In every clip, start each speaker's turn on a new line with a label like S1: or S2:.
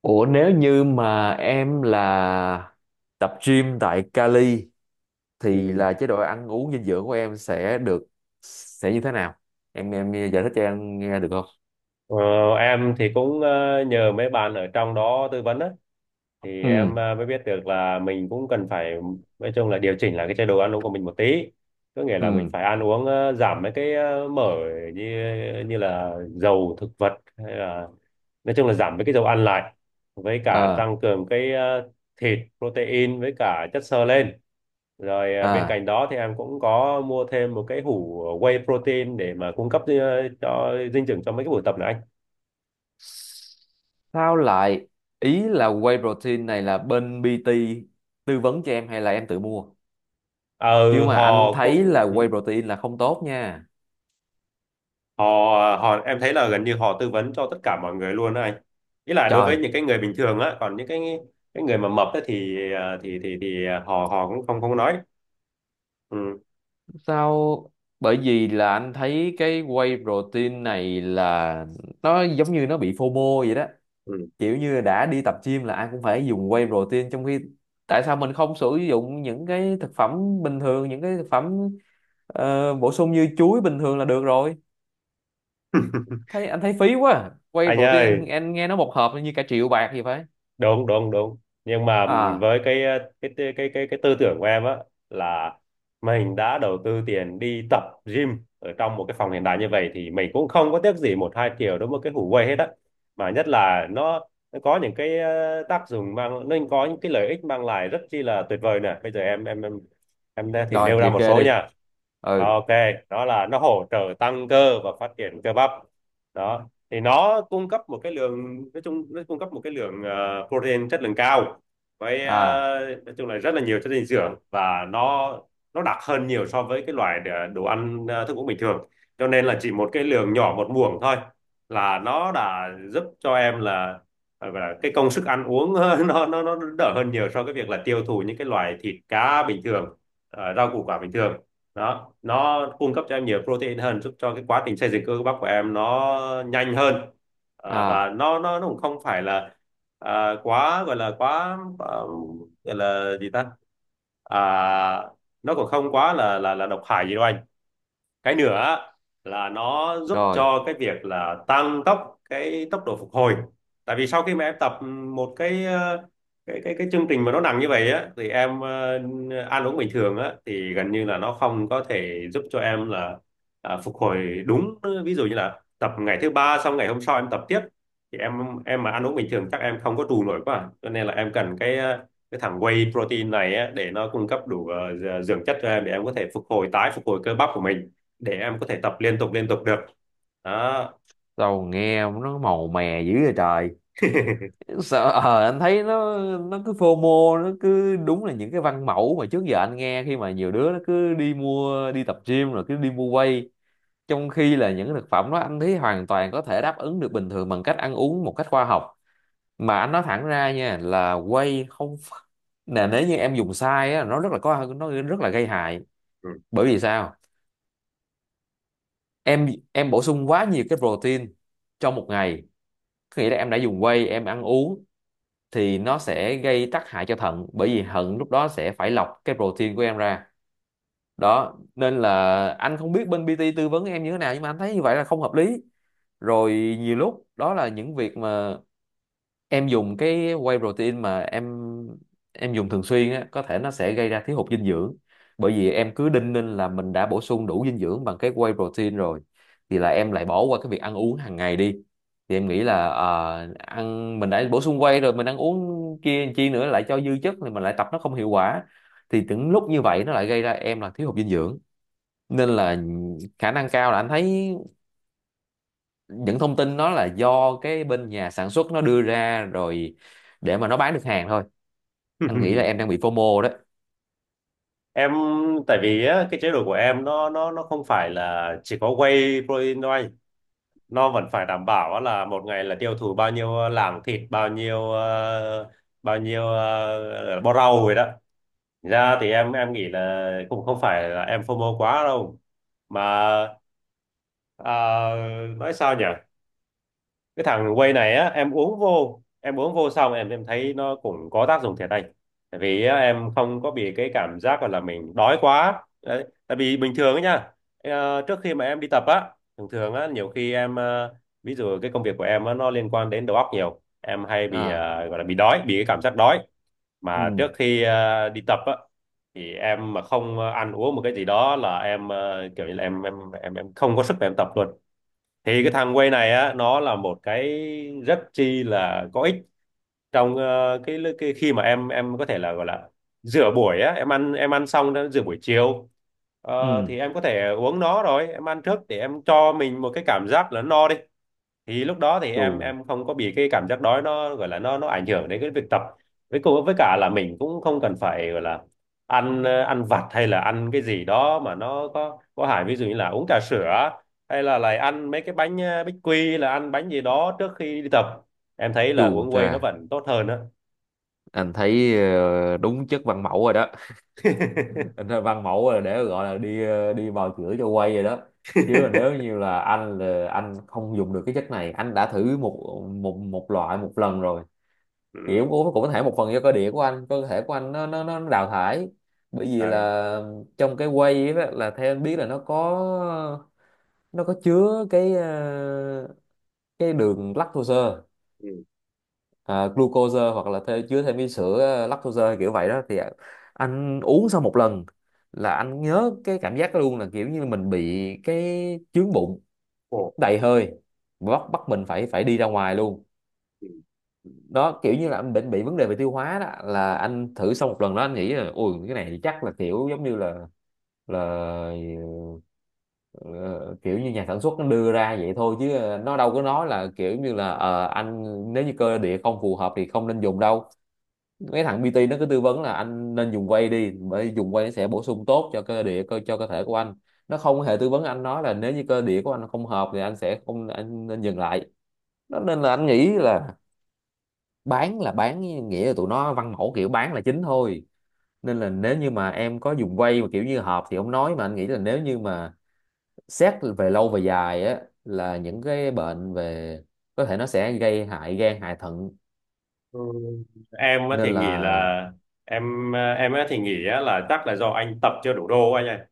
S1: Ủa, nếu như mà em là tập gym tại Cali thì
S2: Ừ.
S1: là chế độ ăn uống dinh dưỡng của em sẽ như thế nào? Em giải thích cho em nghe được không?
S2: Ờ, em thì cũng nhờ mấy bạn ở trong đó tư vấn á, thì em
S1: Ừ.
S2: mới biết được là mình cũng cần phải nói chung là điều chỉnh lại cái chế độ ăn uống của mình một tí, có nghĩa là mình
S1: Ừ.
S2: phải ăn uống giảm mấy cái mỡ như như là dầu thực vật hay là nói chung là giảm mấy cái dầu ăn lại, với cả
S1: À.
S2: tăng cường cái thịt protein với cả chất xơ lên, rồi bên
S1: À.
S2: cạnh đó thì em cũng có mua thêm một cái hũ whey protein để mà cung cấp cho dinh dưỡng cho mấy cái buổi tập này.
S1: Sao lại Ý là whey protein này là bên PT tư vấn cho em hay là em tự mua? Chứ
S2: Ờ,
S1: mà anh
S2: họ
S1: thấy
S2: cũng
S1: là
S2: ừ,
S1: whey protein là không tốt nha.
S2: họ họ em thấy là gần như họ tư vấn cho tất cả mọi người luôn đó anh, ý là đối với
S1: Trời,
S2: những cái người bình thường á, còn những cái người mà mập á thì thì họ họ cũng không không nói ừ.
S1: sao bởi vì là anh thấy cái whey protein này là nó giống như nó bị FOMO vậy đó,
S2: Ừ,
S1: kiểu như đã đi tập gym là ai cũng phải dùng whey protein, trong khi tại sao mình không sử dụng những cái thực phẩm bình thường, những cái thực phẩm bổ sung như chuối bình thường là được rồi. Thấy anh thấy phí quá à. Whey
S2: anh ơi,
S1: protein anh nghe nó một hộp như cả triệu bạc gì phải.
S2: đúng đúng đúng, nhưng mà
S1: À,
S2: với cái cái tư tưởng của em á là mình đã đầu tư tiền đi tập gym ở trong một cái phòng hiện đại như vậy thì mình cũng không có tiếc gì một hai triệu đối với cái Hủ Quay hết á, mà nhất là nó có những cái tác dụng mang nó có những cái lợi ích mang lại rất chi là tuyệt vời nè. Bây giờ em thì
S1: rồi
S2: nêu ra
S1: liệt
S2: một
S1: kê
S2: số
S1: đi.
S2: nha.
S1: Ừ.
S2: Ok, đó là nó hỗ trợ tăng cơ và phát triển cơ bắp đó, thì nó cung cấp một cái lượng nói chung nó cung cấp một cái lượng protein chất lượng cao, với
S1: À.
S2: nói chung là rất là nhiều chất dinh dưỡng, và nó đặc hơn nhiều so với cái loại đồ ăn thức uống bình thường, cho nên là chỉ một cái lượng nhỏ, một muỗng thôi là nó đã giúp cho em là gọi là cái công sức ăn uống nó đỡ hơn nhiều so với việc là tiêu thụ những cái loại thịt cá bình thường, rau củ quả bình thường. Đó, nó cung cấp cho em nhiều protein hơn, giúp cho cái quá trình xây dựng cơ bắp của em nó nhanh hơn. Ờ, và
S1: À.
S2: nó cũng không phải là quá gọi là quá quá- gọi là gì ta, à, nó cũng không quá là độc hại gì đâu anh. Cái nữa là nó giúp
S1: Rồi
S2: cho cái việc là tăng tốc cái tốc độ phục hồi, tại vì sau khi mà em tập một cái chương trình mà nó nặng như vậy á, thì em ăn uống bình thường á thì gần như là nó không có thể giúp cho em là à, phục hồi đúng. Ví dụ như là tập ngày thứ ba xong ngày hôm sau em tập tiếp, thì em mà ăn uống bình thường chắc em không có trụ nổi quá à. Cho nên là em cần cái cái thằng whey protein này á, để nó cung cấp đủ dưỡng chất cho em, để em có thể phục hồi, tái phục hồi cơ bắp của mình, để em có thể tập liên tục được đó.
S1: sao nghe nó màu mè dữ vậy trời. Sợ, anh thấy nó cứ FOMO, nó cứ đúng là những cái văn mẫu mà trước giờ anh nghe, khi mà nhiều đứa nó cứ đi mua đi tập gym rồi cứ đi mua whey, trong khi là những thực phẩm đó anh thấy hoàn toàn có thể đáp ứng được bình thường bằng cách ăn uống một cách khoa học. Mà anh nói thẳng ra nha là whey không nè, nếu như em dùng sai á nó rất là có, nó rất là gây hại.
S2: Ừ.
S1: Bởi vì sao? Em bổ sung quá nhiều cái protein trong một ngày, có nghĩa là em đã dùng whey em ăn uống, thì nó sẽ gây tác hại cho thận, bởi vì thận lúc đó sẽ phải lọc cái protein của em ra. Đó nên là anh không biết bên PT tư vấn em như thế nào, nhưng mà anh thấy như vậy là không hợp lý. Rồi nhiều lúc đó là những việc mà em dùng cái whey protein, mà em dùng thường xuyên á, có thể nó sẽ gây ra thiếu hụt dinh dưỡng, bởi vì em cứ đinh ninh là mình đã bổ sung đủ dinh dưỡng bằng cái whey protein rồi, thì là em lại bỏ qua cái việc ăn uống hàng ngày đi. Thì em nghĩ là ăn, mình đã bổ sung whey rồi mình ăn uống kia chi nữa, lại cho dư chất thì mình lại tập nó không hiệu quả. Thì những lúc như vậy nó lại gây ra em là thiếu hụt dinh dưỡng. Nên là khả năng cao là anh thấy những thông tin đó là do cái bên nhà sản xuất nó đưa ra rồi, để mà nó bán được hàng thôi. Anh nghĩ là em đang bị FOMO đấy.
S2: Em tại vì á, cái chế độ của em nó không phải là chỉ có whey protein thôi, nó vẫn phải đảm bảo á là một ngày là tiêu thụ bao nhiêu lạng thịt, bao nhiêu bao nhiêu bó rau rồi đó. Thành ra thì em nghĩ là cũng không phải là em phô mô quá đâu, mà ờ, nói sao nhỉ, cái thằng whey này á, em uống vô xong em thấy nó cũng có tác dụng thiệt anh. Tại vì á, em không có bị cái cảm giác gọi là mình đói quá đấy, tại vì bình thường ấy nha, trước khi mà em đi tập á thường thường á nhiều khi em ví dụ cái công việc của em á, nó liên quan đến đầu óc nhiều, em hay bị
S1: À.
S2: gọi là bị đói, bị cái cảm giác đói, mà
S1: Ừ.
S2: trước khi đi tập á thì em mà không ăn uống một cái gì đó là em kiểu như là không có sức để em tập luôn. Thì cái thằng Way này á, nó là một cái rất chi là có ích trong cái khi mà có thể là gọi là rửa buổi á, em ăn xong đã rửa buổi chiều. Ờ,
S1: Ừ.
S2: thì em có thể uống nó rồi em ăn trước để em cho mình một cái cảm giác là no đi, thì lúc đó thì
S1: Chù.
S2: em không có bị cái cảm giác đói nó gọi là nó ảnh hưởng đến cái việc tập, với cùng với cả là mình cũng không cần phải gọi là ăn ăn vặt hay là ăn cái gì đó mà nó có hại, ví dụ như là uống trà sữa hay là lại ăn mấy cái bánh bích quy là ăn bánh gì đó trước khi đi tập. Em thấy
S1: Chù
S2: là uống
S1: chà,
S2: whey nó vẫn tốt hơn á.
S1: anh thấy đúng chất văn mẫu rồi đó. Anh thấy văn mẫu là để gọi là đi bào chữa cho quay rồi đó. Chứ mà nếu như là anh không dùng được cái chất này, anh đã thử một một một loại một lần rồi. Kiểu
S2: Ừ.
S1: cũng cũng cũng có thể một phần do cơ địa của anh, cơ thể của anh nó đào thải. Bởi vì
S2: À,
S1: là trong cái whey ấy, là theo anh biết là nó có chứa cái đường lactose,
S2: ừ.
S1: à, glucose, hoặc là chứa thêm cái sữa lactose hay kiểu vậy đó thì anh uống sau một lần là anh nhớ cái cảm giác đó luôn, là kiểu như mình bị cái chướng bụng,
S2: Ồ.
S1: đầy hơi, bắt bắt mình phải phải đi ra ngoài luôn.
S2: Ừ.
S1: Đó, kiểu như là anh bệnh bị vấn đề về tiêu hóa đó, là anh thử xong một lần đó anh nghĩ là ui cái này chắc là kiểu giống như là là ờ, kiểu như nhà sản xuất nó đưa ra vậy thôi, chứ nó đâu có nói là kiểu như là anh, nếu như cơ địa không phù hợp thì không nên dùng đâu. Mấy thằng PT nó cứ tư vấn là anh nên dùng whey đi, bởi dùng whey nó sẽ bổ sung tốt cho cơ địa, cho cơ thể của anh. Nó không hề tư vấn anh, nói là nếu như cơ địa của anh không hợp thì anh sẽ không, anh nên dừng lại. Đó nên là anh nghĩ là bán là bán, nghĩa là tụi nó văn mẫu kiểu bán là chính thôi. Nên là nếu như mà em có dùng quay mà kiểu như hợp thì không nói, mà anh nghĩ là nếu như mà xét về lâu về dài á là những cái bệnh về, có thể nó sẽ gây hại gan hại thận
S2: Ừ. em á
S1: nên
S2: thì nghĩ
S1: là.
S2: là em em á thì nghĩ á là chắc là do anh tập chưa đủ đô anh ạ,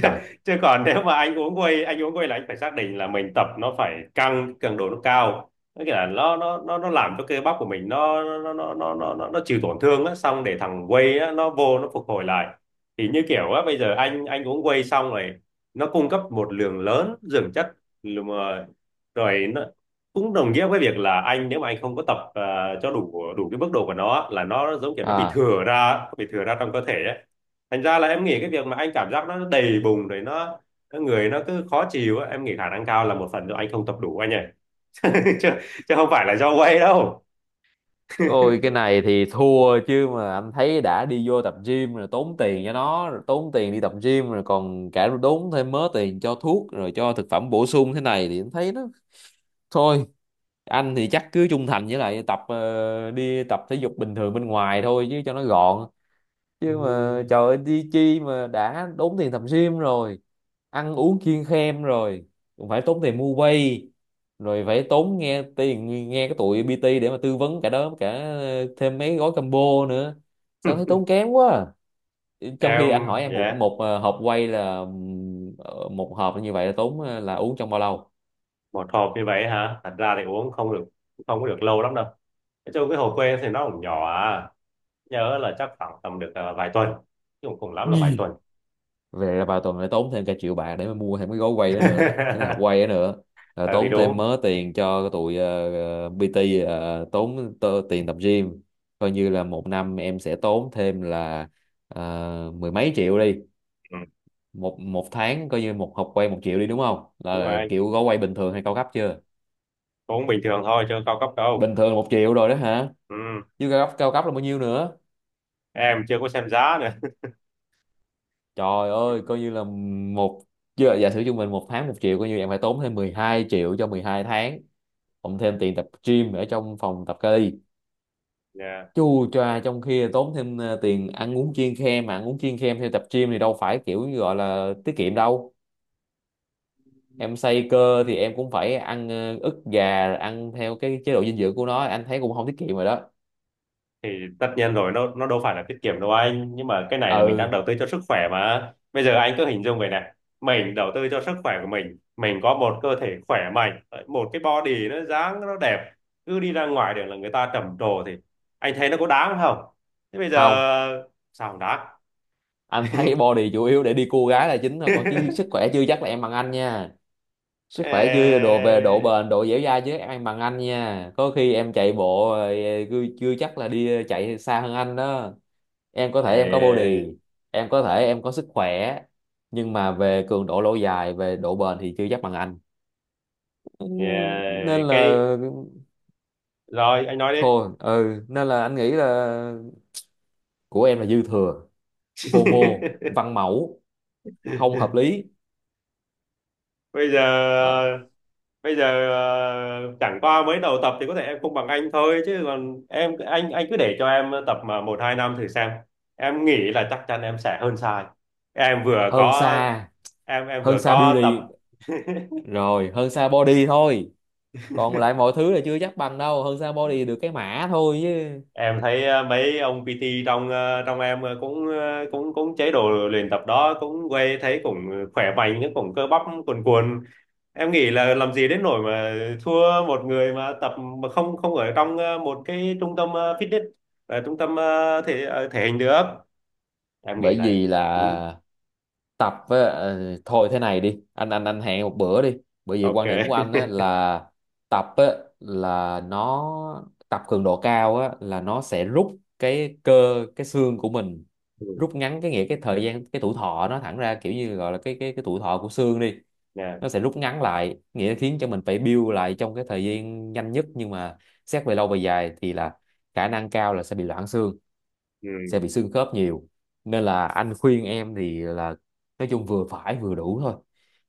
S1: Trời.
S2: chứ còn nếu mà anh uống whey là anh phải xác định là mình tập nó phải căng, cường độ nó cao. Nó nghĩa là nó làm cho cơ bắp của mình nó chịu tổn thương á, xong để thằng whey á, nó vô nó phục hồi lại. Thì như kiểu á, bây giờ anh uống whey xong rồi, nó cung cấp một lượng lớn dưỡng chất, rồi mà- rồi nó cũng đồng nghĩa với việc là nếu mà anh không có tập cho đủ đủ cái mức độ của nó á, là nó giống kiểu
S1: À.
S2: nó bị thừa ra trong cơ thể ấy. Thành ra là em nghĩ cái việc mà anh cảm giác nó đầy bùng rồi nó người nó cứ khó chịu á, em nghĩ khả năng cao là một phần do anh không tập đủ anh ạ. chứ, chứ không phải là do quay đâu.
S1: Ôi cái này thì thua, chứ mà anh thấy đã đi vô tập gym rồi, tốn tiền cho nó rồi, tốn tiền đi tập gym rồi còn cả tốn thêm mớ tiền cho thuốc rồi cho thực phẩm bổ sung thế này thì anh thấy nó thôi. Anh thì chắc cứ trung thành với lại đi tập thể dục bình thường bên ngoài thôi chứ cho nó gọn.
S2: Ừ.
S1: Chứ mà trời ơi, đi chi mà đã đốn tiền tập gym rồi, ăn uống kiêng khem rồi cũng phải tốn tiền mua quay, rồi phải tốn nghe tiền, nghe cái tụi PT để mà tư vấn cả đó, cả thêm mấy gói combo nữa, sao thấy tốn kém quá. Trong khi anh hỏi
S2: Em
S1: em một
S2: yeah,
S1: một hộp quay là một hộp như vậy là tốn là uống trong bao lâu?
S2: một hộp như vậy hả, thật ra thì uống không được, không có được lâu lắm đâu. Nói chung cái hồ quê thì nó cũng nhỏ à, nhớ là chắc khoảng tầm được vài tuần, chứ cũng cùng lắm là vài
S1: Gì?
S2: tuần.
S1: Về là vào tuần lại tốn thêm cả triệu bạc để mà mua thêm cái gói quay đó nữa. Cái này học quay đó nữa là
S2: Ờ, thì
S1: tốn thêm
S2: đúng
S1: mớ tiền cho tụi PT, tiền tập gym, coi như là một năm em sẽ tốn thêm là mười mấy triệu đi.
S2: ừ,
S1: Một một tháng coi như một học quay một triệu đi đúng không,
S2: đúng rồi
S1: là
S2: anh,
S1: kiểu gói quay bình thường hay cao cấp chưa?
S2: cũng bình thường thôi chứ không cao cấp đâu.
S1: Bình thường là một triệu rồi đó hả?
S2: Ừ.
S1: Chứ cao cấp là bao nhiêu nữa?
S2: Em chưa có xem giá nữa.
S1: Trời ơi coi như là một giờ giả sử trung bình một tháng một triệu, coi như em phải tốn thêm 12 triệu cho 12 tháng, cộng thêm tiền tập gym ở trong phòng tập kali
S2: Dạ.
S1: chu choa, trong khi tốn thêm tiền ăn uống chiên khem, mà ăn uống chiên khem theo tập gym thì đâu phải kiểu như gọi là tiết kiệm đâu. Em xây cơ thì em cũng phải ăn ức gà rồi ăn theo cái chế độ dinh dưỡng của nó anh thấy cũng không tiết kiệm rồi đó.
S2: Thì tất nhiên rồi, nó đâu phải là tiết kiệm đâu anh, nhưng mà cái này là mình đang
S1: Ừ.
S2: đầu tư cho sức khỏe mà. Bây giờ anh cứ hình dung vậy nè, mình đầu tư cho sức khỏe của mình có một cơ thể khỏe mạnh, một cái body dáng nó đẹp, cứ đi ra ngoài đường là người ta trầm trồ, thì anh thấy nó có đáng không? Thế bây giờ
S1: Không,
S2: sao không đáng?
S1: anh thấy body chủ yếu để đi cua gái là chính thôi, còn chứ sức khỏe chưa chắc là em bằng anh nha. Sức khỏe chưa đồ
S2: Ê,
S1: về độ bền, độ dẻo dai chứ em bằng anh nha, có khi em chạy bộ chưa chưa chắc là đi chạy xa hơn anh đó. Em có thể em có body,
S2: ê,
S1: em có thể em có sức khỏe, nhưng mà về cường độ lâu dài, về độ bền thì chưa chắc bằng anh. Ừ, nên
S2: ê, cái,
S1: là
S2: rồi anh nói đi.
S1: thôi ừ, nên là anh nghĩ là của em là dư thừa, phô mô văn mẫu, không hợp lý.
S2: bây giờ
S1: Đó.
S2: bây giờ ờ, chẳng qua mới đầu tập thì có thể em không bằng anh thôi, chứ còn em, anh cứ để cho em tập mà một hai năm thử xem, em nghĩ là chắc chắn em sẽ hơn sai. Em vừa
S1: hơn
S2: có
S1: xa
S2: em
S1: hơn
S2: vừa
S1: xa
S2: có tập.
S1: beauty, rồi hơn xa body thôi, còn lại mọi thứ là chưa chắc bằng đâu, hơn xa body được cái mã thôi chứ.
S2: Em thấy ờ, mấy ông PT trong trong em cũng cũng cũng chế độ luyện tập đó, cũng quay, thấy cũng khỏe mạnh, cũng cơ bắp cuồn cuộn, em nghĩ là làm gì đến nỗi mà thua một người mà tập mà không không ở trong một cái trung tâm fitness, trung tâm thể thể hình được. Em nghĩ
S1: Bởi
S2: là
S1: vì
S2: ừ,
S1: là tập với ờ, thôi thế này đi, anh hẹn một bữa đi. Bởi vì
S2: ok.
S1: quan điểm của anh á, là tập á, là nó tập cường độ cao á, là nó sẽ rút cái cơ, cái xương của mình,
S2: Ừ,
S1: rút ngắn cái nghĩa, cái thời gian, cái tuổi thọ nó, thẳng ra kiểu như gọi là cái tuổi thọ của xương đi.
S2: nè,
S1: Nó sẽ rút ngắn lại, nghĩa là khiến cho mình phải build lại trong cái thời gian nhanh nhất, nhưng mà xét về lâu về dài thì là khả năng cao là sẽ bị loãng xương, sẽ bị
S2: ừ.
S1: xương khớp nhiều, nên là anh khuyên em thì là nói chung vừa phải vừa đủ thôi.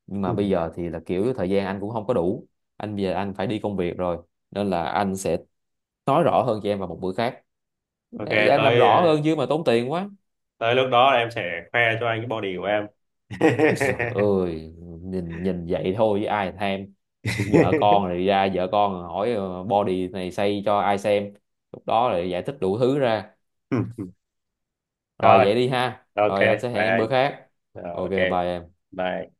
S1: Nhưng
S2: Ừ.
S1: mà bây giờ thì là kiểu thời gian anh cũng không có đủ, bây giờ anh phải đi công việc rồi, nên là anh sẽ nói rõ hơn cho em vào một bữa khác
S2: Ok,
S1: để em làm
S2: tới
S1: rõ
S2: ờ,
S1: hơn chứ mà tốn tiền quá.
S2: tới lúc đó là em sẽ khoe cho anh cái body của em.
S1: Trời ơi, nhìn nhìn vậy thôi chứ ai thèm, vợ con rồi ra vợ con hỏi body này xây cho ai xem, lúc đó lại giải thích đủ thứ ra. Rồi
S2: Rồi,
S1: vậy đi ha,
S2: ok,
S1: rồi anh sẽ hẹn
S2: bye
S1: em bữa
S2: anh.
S1: khác.
S2: Rồi,
S1: Ok,
S2: ok
S1: bye em.
S2: bye.